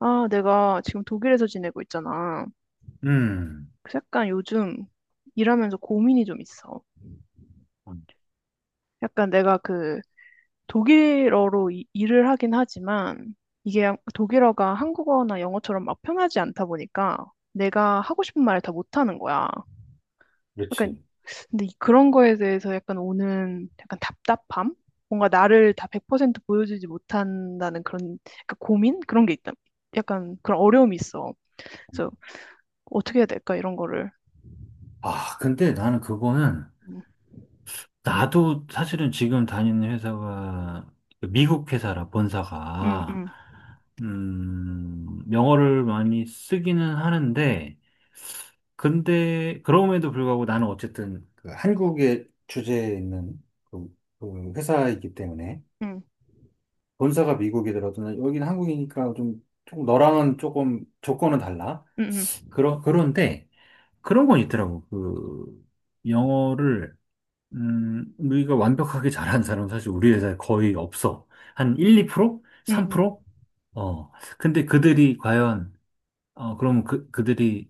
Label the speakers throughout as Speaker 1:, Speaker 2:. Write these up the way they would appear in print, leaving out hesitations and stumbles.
Speaker 1: 아, 내가 지금 독일에서 지내고 있잖아.
Speaker 2: 음,
Speaker 1: 그래서 약간 요즘 일하면서 고민이 좀 있어.
Speaker 2: 음,
Speaker 1: 약간 내가 그 독일어로 일을 하긴 하지만 이게 독일어가 한국어나 영어처럼 막 편하지 않다 보니까 내가 하고 싶은 말을 다 못하는 거야. 약간
Speaker 2: 그렇지.
Speaker 1: 근데 그런 거에 대해서 약간 오는 약간 답답함? 뭔가 나를 다 100% 보여주지 못한다는 그런 약간 고민? 그런 게 있다. 약간 그런 어려움이 있어. 그래서 어떻게 해야 될까? 이런 거를.
Speaker 2: 아, 근데
Speaker 1: 음,
Speaker 2: 나도 사실은 지금 다니는 회사가 미국 회사라, 본사가,
Speaker 1: 음.
Speaker 2: 영어를 많이 쓰기는 하는데, 근데, 그럼에도 불구하고 나는 어쨌든 그 한국의 주제에 있는 그, 그 회사이기 때문에,
Speaker 1: 음,
Speaker 2: 본사가 미국이더라도 난 여기는 한국이니까 좀, 좀 너랑은 조금 조건은 달라.
Speaker 1: 음,
Speaker 2: 그런데, 그런 건 있더라고. 그 영어를 우리가 완벽하게 잘하는 사람은 사실 우리 회사에 거의 없어. 한 1, 2%?
Speaker 1: 음, 음, 음,
Speaker 2: 3%? 어. 근데 그들이 과연, 어, 그럼 그들이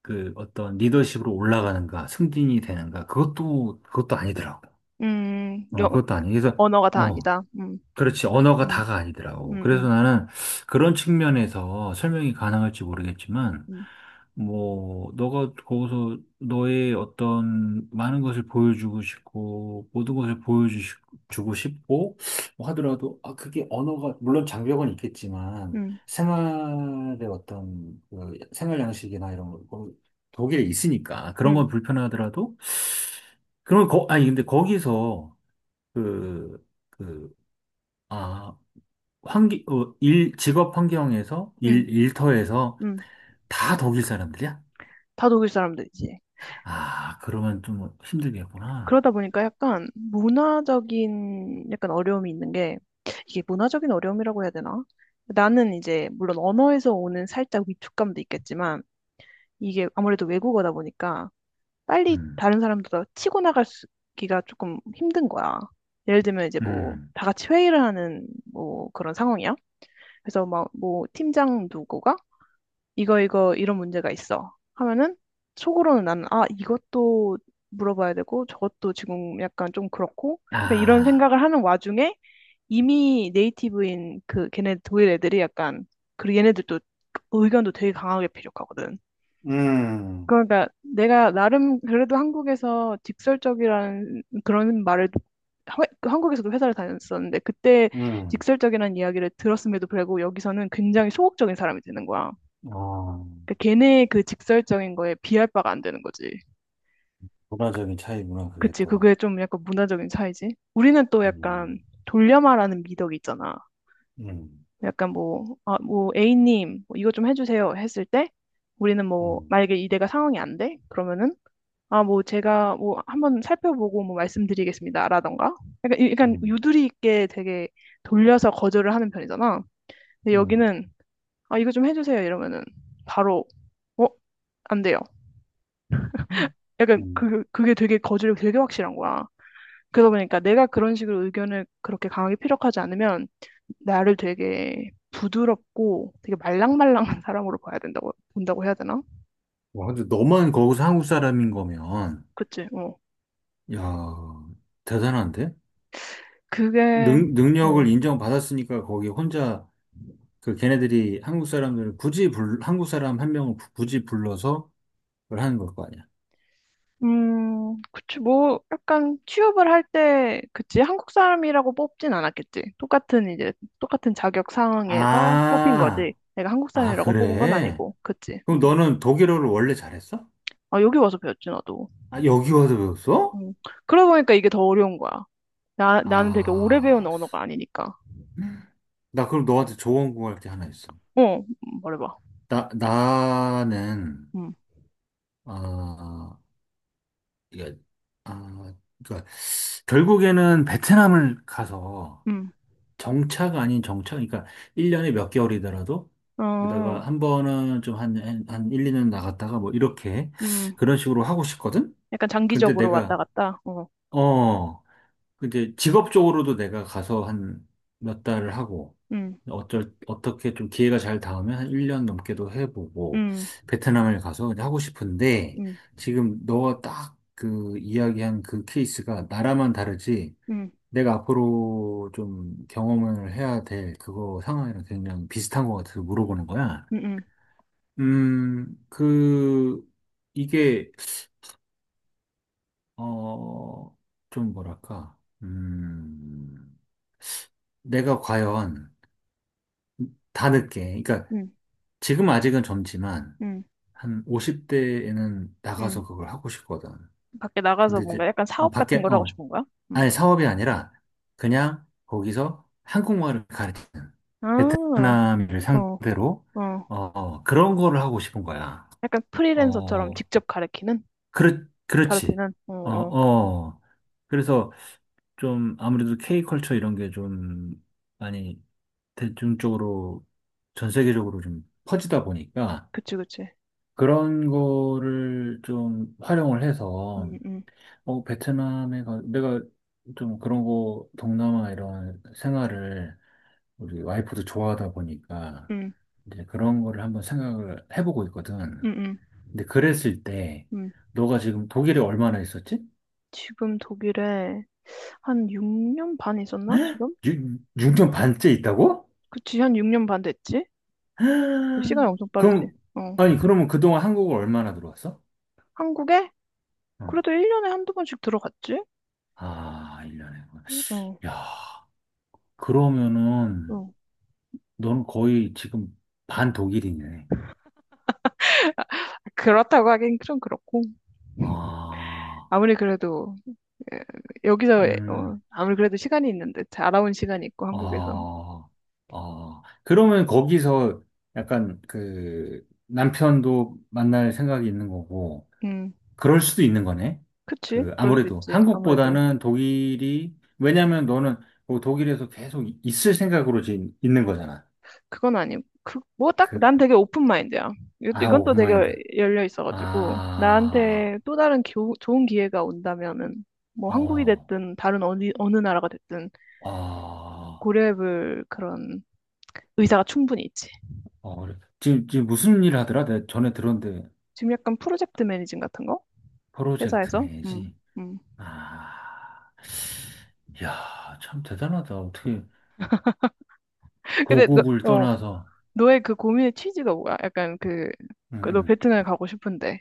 Speaker 2: 그 어떤 리더십으로 올라가는가, 승진이 되는가? 그것도 아니더라고. 어,
Speaker 1: 여,
Speaker 2: 그것도 아니. 그래서
Speaker 1: 언어가 다
Speaker 2: 어.
Speaker 1: 아니다.
Speaker 2: 그렇지. 언어가
Speaker 1: 음,
Speaker 2: 다가 아니더라고.
Speaker 1: 음,
Speaker 2: 그래서
Speaker 1: 음,
Speaker 2: 나는 그런 측면에서 설명이 가능할지 모르겠지만,
Speaker 1: 음,
Speaker 2: 뭐, 너가 거기서 너의 어떤 많은 것을 보여주고 싶고, 모든 것을 보여주고 싶고, 뭐 하더라도, 아, 그게 언어가, 물론 장벽은 있겠지만,
Speaker 1: 음,
Speaker 2: 생활의 어떤, 그 생활 양식이나 이런 거, 뭐 독일에 있으니까, 그런
Speaker 1: 음,
Speaker 2: 건 불편하더라도, 그런 거, 아니, 근데 거기서, 그, 그, 아, 환기, 어, 일, 직업 환경에서, 일,
Speaker 1: 음,
Speaker 2: 일터에서
Speaker 1: 음.
Speaker 2: 다 독일 사람들이야?
Speaker 1: 다 독일 사람들이지.
Speaker 2: 아, 그러면 좀 힘들겠구나.
Speaker 1: 그러다 보니까 약간 문화적인 약간 어려움이 있는 게 이게 문화적인 어려움이라고 해야 되나? 나는 이제 물론 언어에서 오는 살짝 위축감도 있겠지만 이게 아무래도 외국어다 보니까 빨리
Speaker 2: 음,
Speaker 1: 다른 사람들과 치고 나가기가 조금 힘든 거야. 예를 들면 이제 뭐
Speaker 2: 음,
Speaker 1: 다 같이 회의를 하는 뭐 그런 상황이야. 그래서 막 뭐 팀장 누구가 이거 이거 이런 문제가 있어 하면은 속으로는 나는 아 이것도 물어봐야 되고 저것도 지금 약간 좀 그렇고 그러니까 이런
Speaker 2: 아,
Speaker 1: 생각을 하는 와중에 이미 네이티브인 그 걔네 독일 애들이 약간 그리고 얘네들도 의견도 되게 강하게 필요하거든.
Speaker 2: 음,
Speaker 1: 그러니까 내가 나름 그래도 한국에서 직설적이라는 그런 말을 하- 한국에서도 회사를 다녔었는데 그때
Speaker 2: 음,
Speaker 1: 직설적이라는 이야기를 들었음에도 불구하고 여기서는 굉장히 소극적인 사람이 되는 거야.
Speaker 2: 어,
Speaker 1: 그러니까 걔네의 그 직설적인 거에 비할 바가 안 되는 거지.
Speaker 2: 문화적인 차이구나, 그게
Speaker 1: 그치,
Speaker 2: 또.
Speaker 1: 그게 좀 약간 문화적인 차이지. 우리는 또 약간
Speaker 2: 음,
Speaker 1: 돌려 말하는 미덕이 있잖아.
Speaker 2: 음,
Speaker 1: 약간 뭐, 아, 뭐, A님, 뭐 이거 좀 해주세요 했을 때 우리는 뭐,
Speaker 2: 음,
Speaker 1: 만약에 이대가 상황이 안 돼? 그러면은 아, 뭐 제가 뭐 한번 살펴보고 뭐 말씀드리겠습니다라던가. 약간, 약간
Speaker 2: 음,
Speaker 1: 유두리 있게 되게 돌려서 거절을 하는 편이잖아. 근데
Speaker 2: 음,
Speaker 1: 여기는 아, 이거 좀 해주세요 이러면은 바로 어? 안 돼요.
Speaker 2: 음.
Speaker 1: 약간
Speaker 2: 음.
Speaker 1: 그게 되게 거절이 되게 확실한 거야. 그러다 보니까 내가 그런 식으로 의견을 그렇게 강하게 피력하지 않으면 나를 되게 부드럽고 되게 말랑말랑한 사람으로 봐야 된다고, 본다고 해야 되나?
Speaker 2: 와, 근데 너만 거기서 한국 사람인 거면,
Speaker 1: 그치? 어.
Speaker 2: 야, 대단한데?
Speaker 1: 그게,
Speaker 2: 능력을
Speaker 1: 어,
Speaker 2: 인정받았으니까 거기 혼자, 그 걔네들이 한국 사람들을 굳이 한국 사람 한 명을 굳이 불러서 그걸 하는 걸 거 아니야.
Speaker 1: 그치, 뭐, 약간 취업을 할 때, 그치, 한국 사람이라고 뽑진 않았겠지. 똑같은 이제, 똑같은 자격 상황에서 뽑힌 거지.
Speaker 2: 아,
Speaker 1: 내가 한국
Speaker 2: 아,
Speaker 1: 사람이라고 뽑은 건
Speaker 2: 그래?
Speaker 1: 아니고, 그치.
Speaker 2: 그럼
Speaker 1: 음.
Speaker 2: 너는 독일어를 원래 잘했어?
Speaker 1: 아, 여기 와서 배웠지, 나도.
Speaker 2: 아, 여기 와서 배웠어?
Speaker 1: 음. 그러다 보니까 이게 더 어려운 거야. 나는 되게 오래 배운
Speaker 2: 아,
Speaker 1: 언어가 아니니까.
Speaker 2: 나 그럼 너한테 조언 구할 게 하나 있어.
Speaker 1: 어, 말해봐.
Speaker 2: 나는,
Speaker 1: 음,
Speaker 2: 아, 이게, 아, 그러니까 결국에는 베트남을 가서
Speaker 1: 음,
Speaker 2: 정차가 아닌 정차? 그러니까 1년에 몇 개월이더라도 그러다가
Speaker 1: 어,
Speaker 2: 한 번은 좀 한 1, 2년 나갔다가 뭐 이렇게
Speaker 1: 음.
Speaker 2: 그런 식으로 하고 싶거든?
Speaker 1: 약간
Speaker 2: 근데
Speaker 1: 장기적으로 왔다
Speaker 2: 내가,
Speaker 1: 갔다. 어,
Speaker 2: 어, 근데 직업적으로도 내가 가서 한 몇 달을 하고
Speaker 1: 음,
Speaker 2: 어쩔 어떻게 좀 기회가 잘 닿으면 한 1년 넘게도 해보고
Speaker 1: 음,
Speaker 2: 베트남을 가서 이제 하고 싶은데,
Speaker 1: 음,
Speaker 2: 지금 너가 딱 그 이야기한 그 케이스가 나라만 다르지,
Speaker 1: 음,
Speaker 2: 내가 앞으로 좀 경험을 해야 될 그거 상황이랑 굉장히 비슷한 것 같아서 물어보는 거야.
Speaker 1: 음, 음,
Speaker 2: 그, 이게, 어, 좀 뭐랄까, 음, 내가 과연 다 늦게, 그러니까
Speaker 1: 음,
Speaker 2: 지금 아직은 젊지만,
Speaker 1: 음,
Speaker 2: 한 50대에는 나가서
Speaker 1: 음.
Speaker 2: 그걸 하고 싶거든.
Speaker 1: 밖에 나가서
Speaker 2: 근데
Speaker 1: 뭔가
Speaker 2: 이제,
Speaker 1: 약간
Speaker 2: 어,
Speaker 1: 사업 같은
Speaker 2: 밖에,
Speaker 1: 걸 하고
Speaker 2: 어,
Speaker 1: 싶은 거야? 음.
Speaker 2: 아니, 사업이 아니라 그냥 거기서 한국말을 가르치는,
Speaker 1: 아,
Speaker 2: 베트남인을
Speaker 1: 어,
Speaker 2: 상대로,
Speaker 1: 어.
Speaker 2: 어, 그런 거를 하고 싶은 거야.
Speaker 1: 약간 프리랜서처럼
Speaker 2: 어,
Speaker 1: 직접 가르치는?
Speaker 2: 그렇지.
Speaker 1: 가르치는? 어,
Speaker 2: 어,
Speaker 1: 어.
Speaker 2: 어. 그래서 좀 아무래도 K컬처 이런 게 좀 많이 대중적으로 전 세계적으로 좀 퍼지다 보니까
Speaker 1: 그치, 그치.
Speaker 2: 그런 거를 좀 활용을
Speaker 1: 음,
Speaker 2: 해서,
Speaker 1: 음,
Speaker 2: 어, 베트남에 가, 내가 좀 그런 거, 동남아 이런 생활을 우리 와이프도 좋아하다 보니까
Speaker 1: 음,
Speaker 2: 이제 그런 거를 한번 생각을 해보고 있거든.
Speaker 1: 음, 음.
Speaker 2: 근데 그랬을 때,
Speaker 1: 음.
Speaker 2: 너가 지금 독일에 얼마나 있었지?
Speaker 1: 지금 독일에 한 6년 반 있었나? 지금?
Speaker 2: 6년 반째 있다고?
Speaker 1: 그치, 한 6년 반 됐지? 시간이 엄청 빠르지.
Speaker 2: 그럼,
Speaker 1: 어.
Speaker 2: 아니, 그러면 그동안 한국을 얼마나 들어왔어?
Speaker 1: 한국에?
Speaker 2: 어.
Speaker 1: 그래도 1년에 한두 번씩 들어갔지?
Speaker 2: 아, 1년에.
Speaker 1: 어,
Speaker 2: 야, 그러면은,
Speaker 1: 어.
Speaker 2: 넌 거의 지금 반 독일이네.
Speaker 1: 그렇다고 하긴 좀 그렇고.
Speaker 2: 아,
Speaker 1: 아무리 그래도 에, 여기서 어,
Speaker 2: 음.
Speaker 1: 아무리 그래도 시간이 있는데 알아온 시간이 있고 한국에서.
Speaker 2: 아, 아. 그러면 거기서 약간 그 남편도 만날 생각이 있는 거고,
Speaker 1: 음,
Speaker 2: 그럴 수도 있는 거네.
Speaker 1: 그치?
Speaker 2: 그
Speaker 1: 그럴 수
Speaker 2: 아무래도
Speaker 1: 있지. 아무래도
Speaker 2: 한국보다는 독일이, 왜냐면 너는 뭐 독일에서 계속 있을 생각으로 지금 있는 거잖아.
Speaker 1: 그건 아니. 그, 뭐 딱
Speaker 2: 그,
Speaker 1: 난 되게 오픈 마인드야. 이것도
Speaker 2: 아,
Speaker 1: 이건 또
Speaker 2: 오픈
Speaker 1: 되게
Speaker 2: 마인드.
Speaker 1: 열려 있어가지고
Speaker 2: 아,
Speaker 1: 나한테 또 다른 좋은 기회가 온다면은 뭐 한국이
Speaker 2: 어,
Speaker 1: 됐든 다른 어디 어느 나라가 됐든
Speaker 2: 아,
Speaker 1: 고려해볼 그런 의사가 충분히 있지.
Speaker 2: 어. 그래. 지금 무슨 일 하더라? 내가 전에 들었는데,
Speaker 1: 지금 약간 프로젝트 매니징 같은 거
Speaker 2: 프로젝트
Speaker 1: 회사에서.
Speaker 2: 매니지.
Speaker 1: 음.
Speaker 2: 아, 야, 참 대단하다. 어떻게
Speaker 1: 근데
Speaker 2: 고국을
Speaker 1: 너,
Speaker 2: 떠나서.
Speaker 1: 너의 그 고민의 취지가 뭐야? 약간 그, 그 너
Speaker 2: 음,
Speaker 1: 베트남에 가고 싶은데.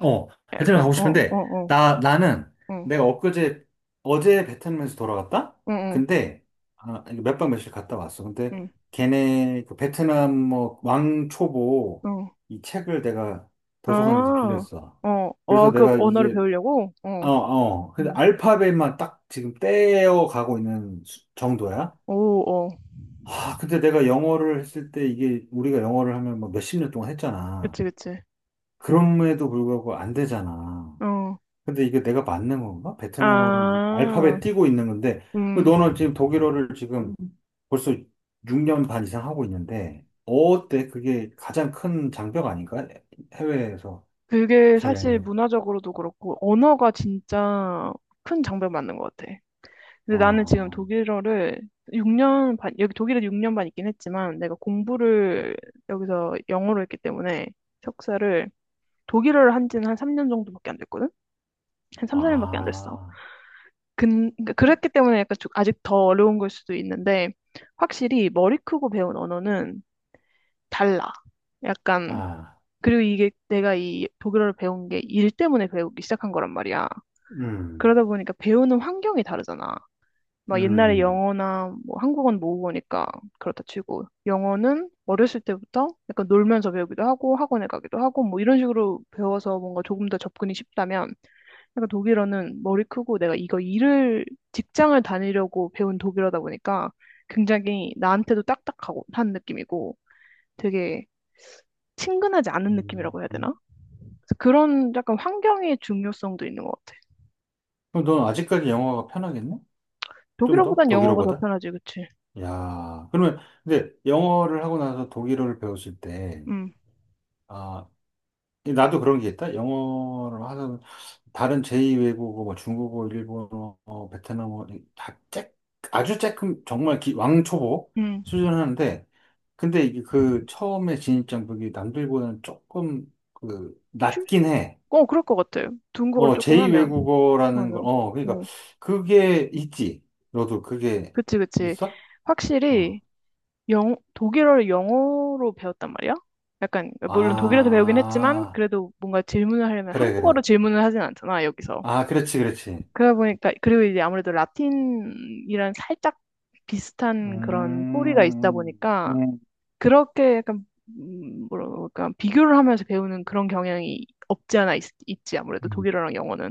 Speaker 2: 어, 베트남
Speaker 1: 약간,
Speaker 2: 가고
Speaker 1: 어, 어,
Speaker 2: 싶은데,
Speaker 1: 어,
Speaker 2: 나 나는,
Speaker 1: 응,
Speaker 2: 내가 엊그제, 어제 베트남에서 돌아갔다.
Speaker 1: 응, 응,
Speaker 2: 근데 아, 몇 박 며칠 갔다 왔어. 근데
Speaker 1: 응,
Speaker 2: 걔네 그 베트남 뭐 왕초보
Speaker 1: 응.
Speaker 2: 이 책을 내가 도서관에서
Speaker 1: 아,
Speaker 2: 빌렸어.
Speaker 1: 어,
Speaker 2: 그래서
Speaker 1: 어, 그
Speaker 2: 내가
Speaker 1: 언어를
Speaker 2: 이제,
Speaker 1: 배우려고?
Speaker 2: 어,
Speaker 1: 어,
Speaker 2: 어. 근데
Speaker 1: 응.
Speaker 2: 알파벳만 딱 지금 떼어 가고 있는 수- 정도야.
Speaker 1: 오, 어.
Speaker 2: 아, 근데 내가 영어를 했을 때, 이게 우리가 영어를 하면 뭐 몇십 년 동안 했잖아.
Speaker 1: 그치, 그치.
Speaker 2: 그럼에도 불구하고 안 되잖아.
Speaker 1: 어,
Speaker 2: 근데 이게 내가 맞는 건가? 베트남어를
Speaker 1: 아,
Speaker 2: 알파벳 띄고 있는 건데, 그
Speaker 1: 음.
Speaker 2: 너는 지금 독일어를 지금 벌써 6년 반 이상 하고 있는데, 어때? 그게 가장 큰 장벽 아닌가? 해외에서
Speaker 1: 그게 사실
Speaker 2: 제일,
Speaker 1: 문화적으로도 그렇고, 언어가 진짜 큰 장벽 맞는 것 같아. 근데 나는 지금
Speaker 2: 어,
Speaker 1: 독일어를 6년 반, 여기 독일에 6년 반 있긴 했지만 내가 공부를 여기서 영어로 했기 때문에 석사를 독일어를 한 지는 한 3년 정도밖에 안 됐거든? 한 3, 4년밖에 안 됐어.
Speaker 2: 아,
Speaker 1: 근, 그러니까 그랬기 때문에 약간 좀 아직 더 어려운 걸 수도 있는데 확실히 머리 크고 배운 언어는 달라. 약간,
Speaker 2: 아,
Speaker 1: 그리고 이게 내가 이 독일어를 배운 게 일 때문에 배우기 시작한 거란 말이야.
Speaker 2: 음,
Speaker 1: 그러다 보니까 배우는 환경이 다르잖아. 막 옛날에
Speaker 2: 음,
Speaker 1: 영어나 뭐 한국어는 모국어니까 그렇다 치고 영어는 어렸을 때부터 약간 놀면서 배우기도 하고 학원에 가기도 하고 뭐 이런 식으로 배워서 뭔가 조금 더 접근이 쉽다면 약간 독일어는 머리 크고 내가 이거 일을 직장을 다니려고 배운 독일어다 보니까 굉장히 나한테도 딱딱하고 한 느낌이고 되게 친근하지 않은 느낌이라고 해야
Speaker 2: 음.
Speaker 1: 되나? 그래서 그런 약간 환경의 중요성도 있는 것 같아.
Speaker 2: 그럼 넌 아직까지 영어가 편하겠네? 좀 더?
Speaker 1: 독일어보단 영어가 더
Speaker 2: 독일어보다?
Speaker 1: 편하지, 그치?
Speaker 2: 야, 그러면, 근데 영어를 하고 나서 독일어를 배웠을 때,
Speaker 1: 응,
Speaker 2: 아, 이 나도 그런 게 있다? 영어를 하는, 다른 제2외국어, 뭐 중국어, 일본어, 어, 베트남어, 이- 다 쬐, 아주 쬐끔, 정말 기, 왕초보
Speaker 1: 응.
Speaker 2: 수준 하는데, 근데 이게 그 처음에 진입장벽이 남들보다는 조금 그, 낮긴 해.
Speaker 1: 어, 그럴 것 같아요. 중국어로
Speaker 2: 어,
Speaker 1: 조금 하면.
Speaker 2: 제2외국어라는
Speaker 1: 맞아.
Speaker 2: 거, 어, 그러니까
Speaker 1: 응.
Speaker 2: 그게 있지. 너도 그게
Speaker 1: 그치, 그치.
Speaker 2: 있어?
Speaker 1: 확실히
Speaker 2: 어.
Speaker 1: 영, 독일어를 영어로 배웠단 말이야? 약간, 물론 독일에서 배우긴 했지만,
Speaker 2: 아.
Speaker 1: 그래도 뭔가 질문을 하려면
Speaker 2: 그래,
Speaker 1: 한국어로
Speaker 2: 그래.
Speaker 1: 질문을 하진 않잖아, 여기서.
Speaker 2: 아, 그렇지, 그렇지.
Speaker 1: 그러다 보니까, 그리고 이제 아무래도 라틴이랑 살짝 비슷한 그런 뿌리가 있다
Speaker 2: 음,
Speaker 1: 보니까,
Speaker 2: 음.
Speaker 1: 그렇게 약간, 뭐랄까, 비교를 하면서 배우는 그런 경향이 없지 않아 있, 있지, 아무래도
Speaker 2: 음.
Speaker 1: 독일어랑 영어는.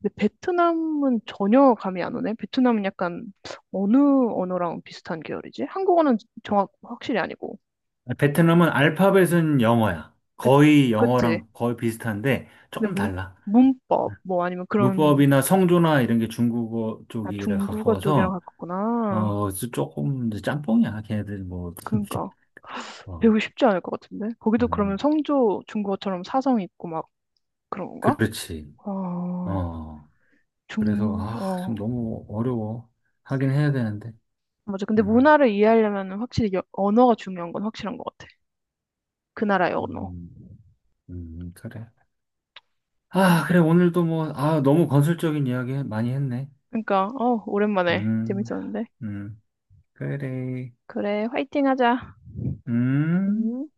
Speaker 1: 근데 베트남은 전혀 감이 안 오네. 베트남은 약간 어느 언어랑 비슷한 계열이지? 한국어는 정확 확실히 아니고.
Speaker 2: 베트남은 알파벳은 영어야.
Speaker 1: 그
Speaker 2: 거의
Speaker 1: 그치?
Speaker 2: 영어랑 거의 비슷한데
Speaker 1: 근데
Speaker 2: 조금
Speaker 1: 문,
Speaker 2: 달라.
Speaker 1: 문법 뭐 아니면 그런
Speaker 2: 문법이나 성조나 이런 게 중국어
Speaker 1: 아
Speaker 2: 쪽이라
Speaker 1: 중국어 쪽이랑
Speaker 2: 가까워서
Speaker 1: 가깝구나.
Speaker 2: 어 조금 이제 짬뽕이야. 걔네들 뭐
Speaker 1: 그러니까
Speaker 2: 어,
Speaker 1: 배우기 쉽지 않을 것 같은데. 거기도 그러면
Speaker 2: 음,
Speaker 1: 성조 중국어처럼 사성 있고 막 그런 건가?
Speaker 2: 그렇지.
Speaker 1: 어,
Speaker 2: 어,
Speaker 1: 중,
Speaker 2: 그래서 아 지금
Speaker 1: 어.
Speaker 2: 너무 어려워. 하긴 해야 되는데.
Speaker 1: 맞아. 근데
Speaker 2: 음,
Speaker 1: 문화를 이해하려면 확실히 여- 언어가 중요한 건 확실한 것 같아. 그 나라의 언어.
Speaker 2: 음, 그래. 아, 그래, 오늘도 뭐, 아, 너무 건설적인 이야기 많이 했네.
Speaker 1: 그러니까 어 오랜만에
Speaker 2: 음,
Speaker 1: 재밌었는데.
Speaker 2: 음, 그래,
Speaker 1: 그래, 화이팅 하자.
Speaker 2: 음.
Speaker 1: 음.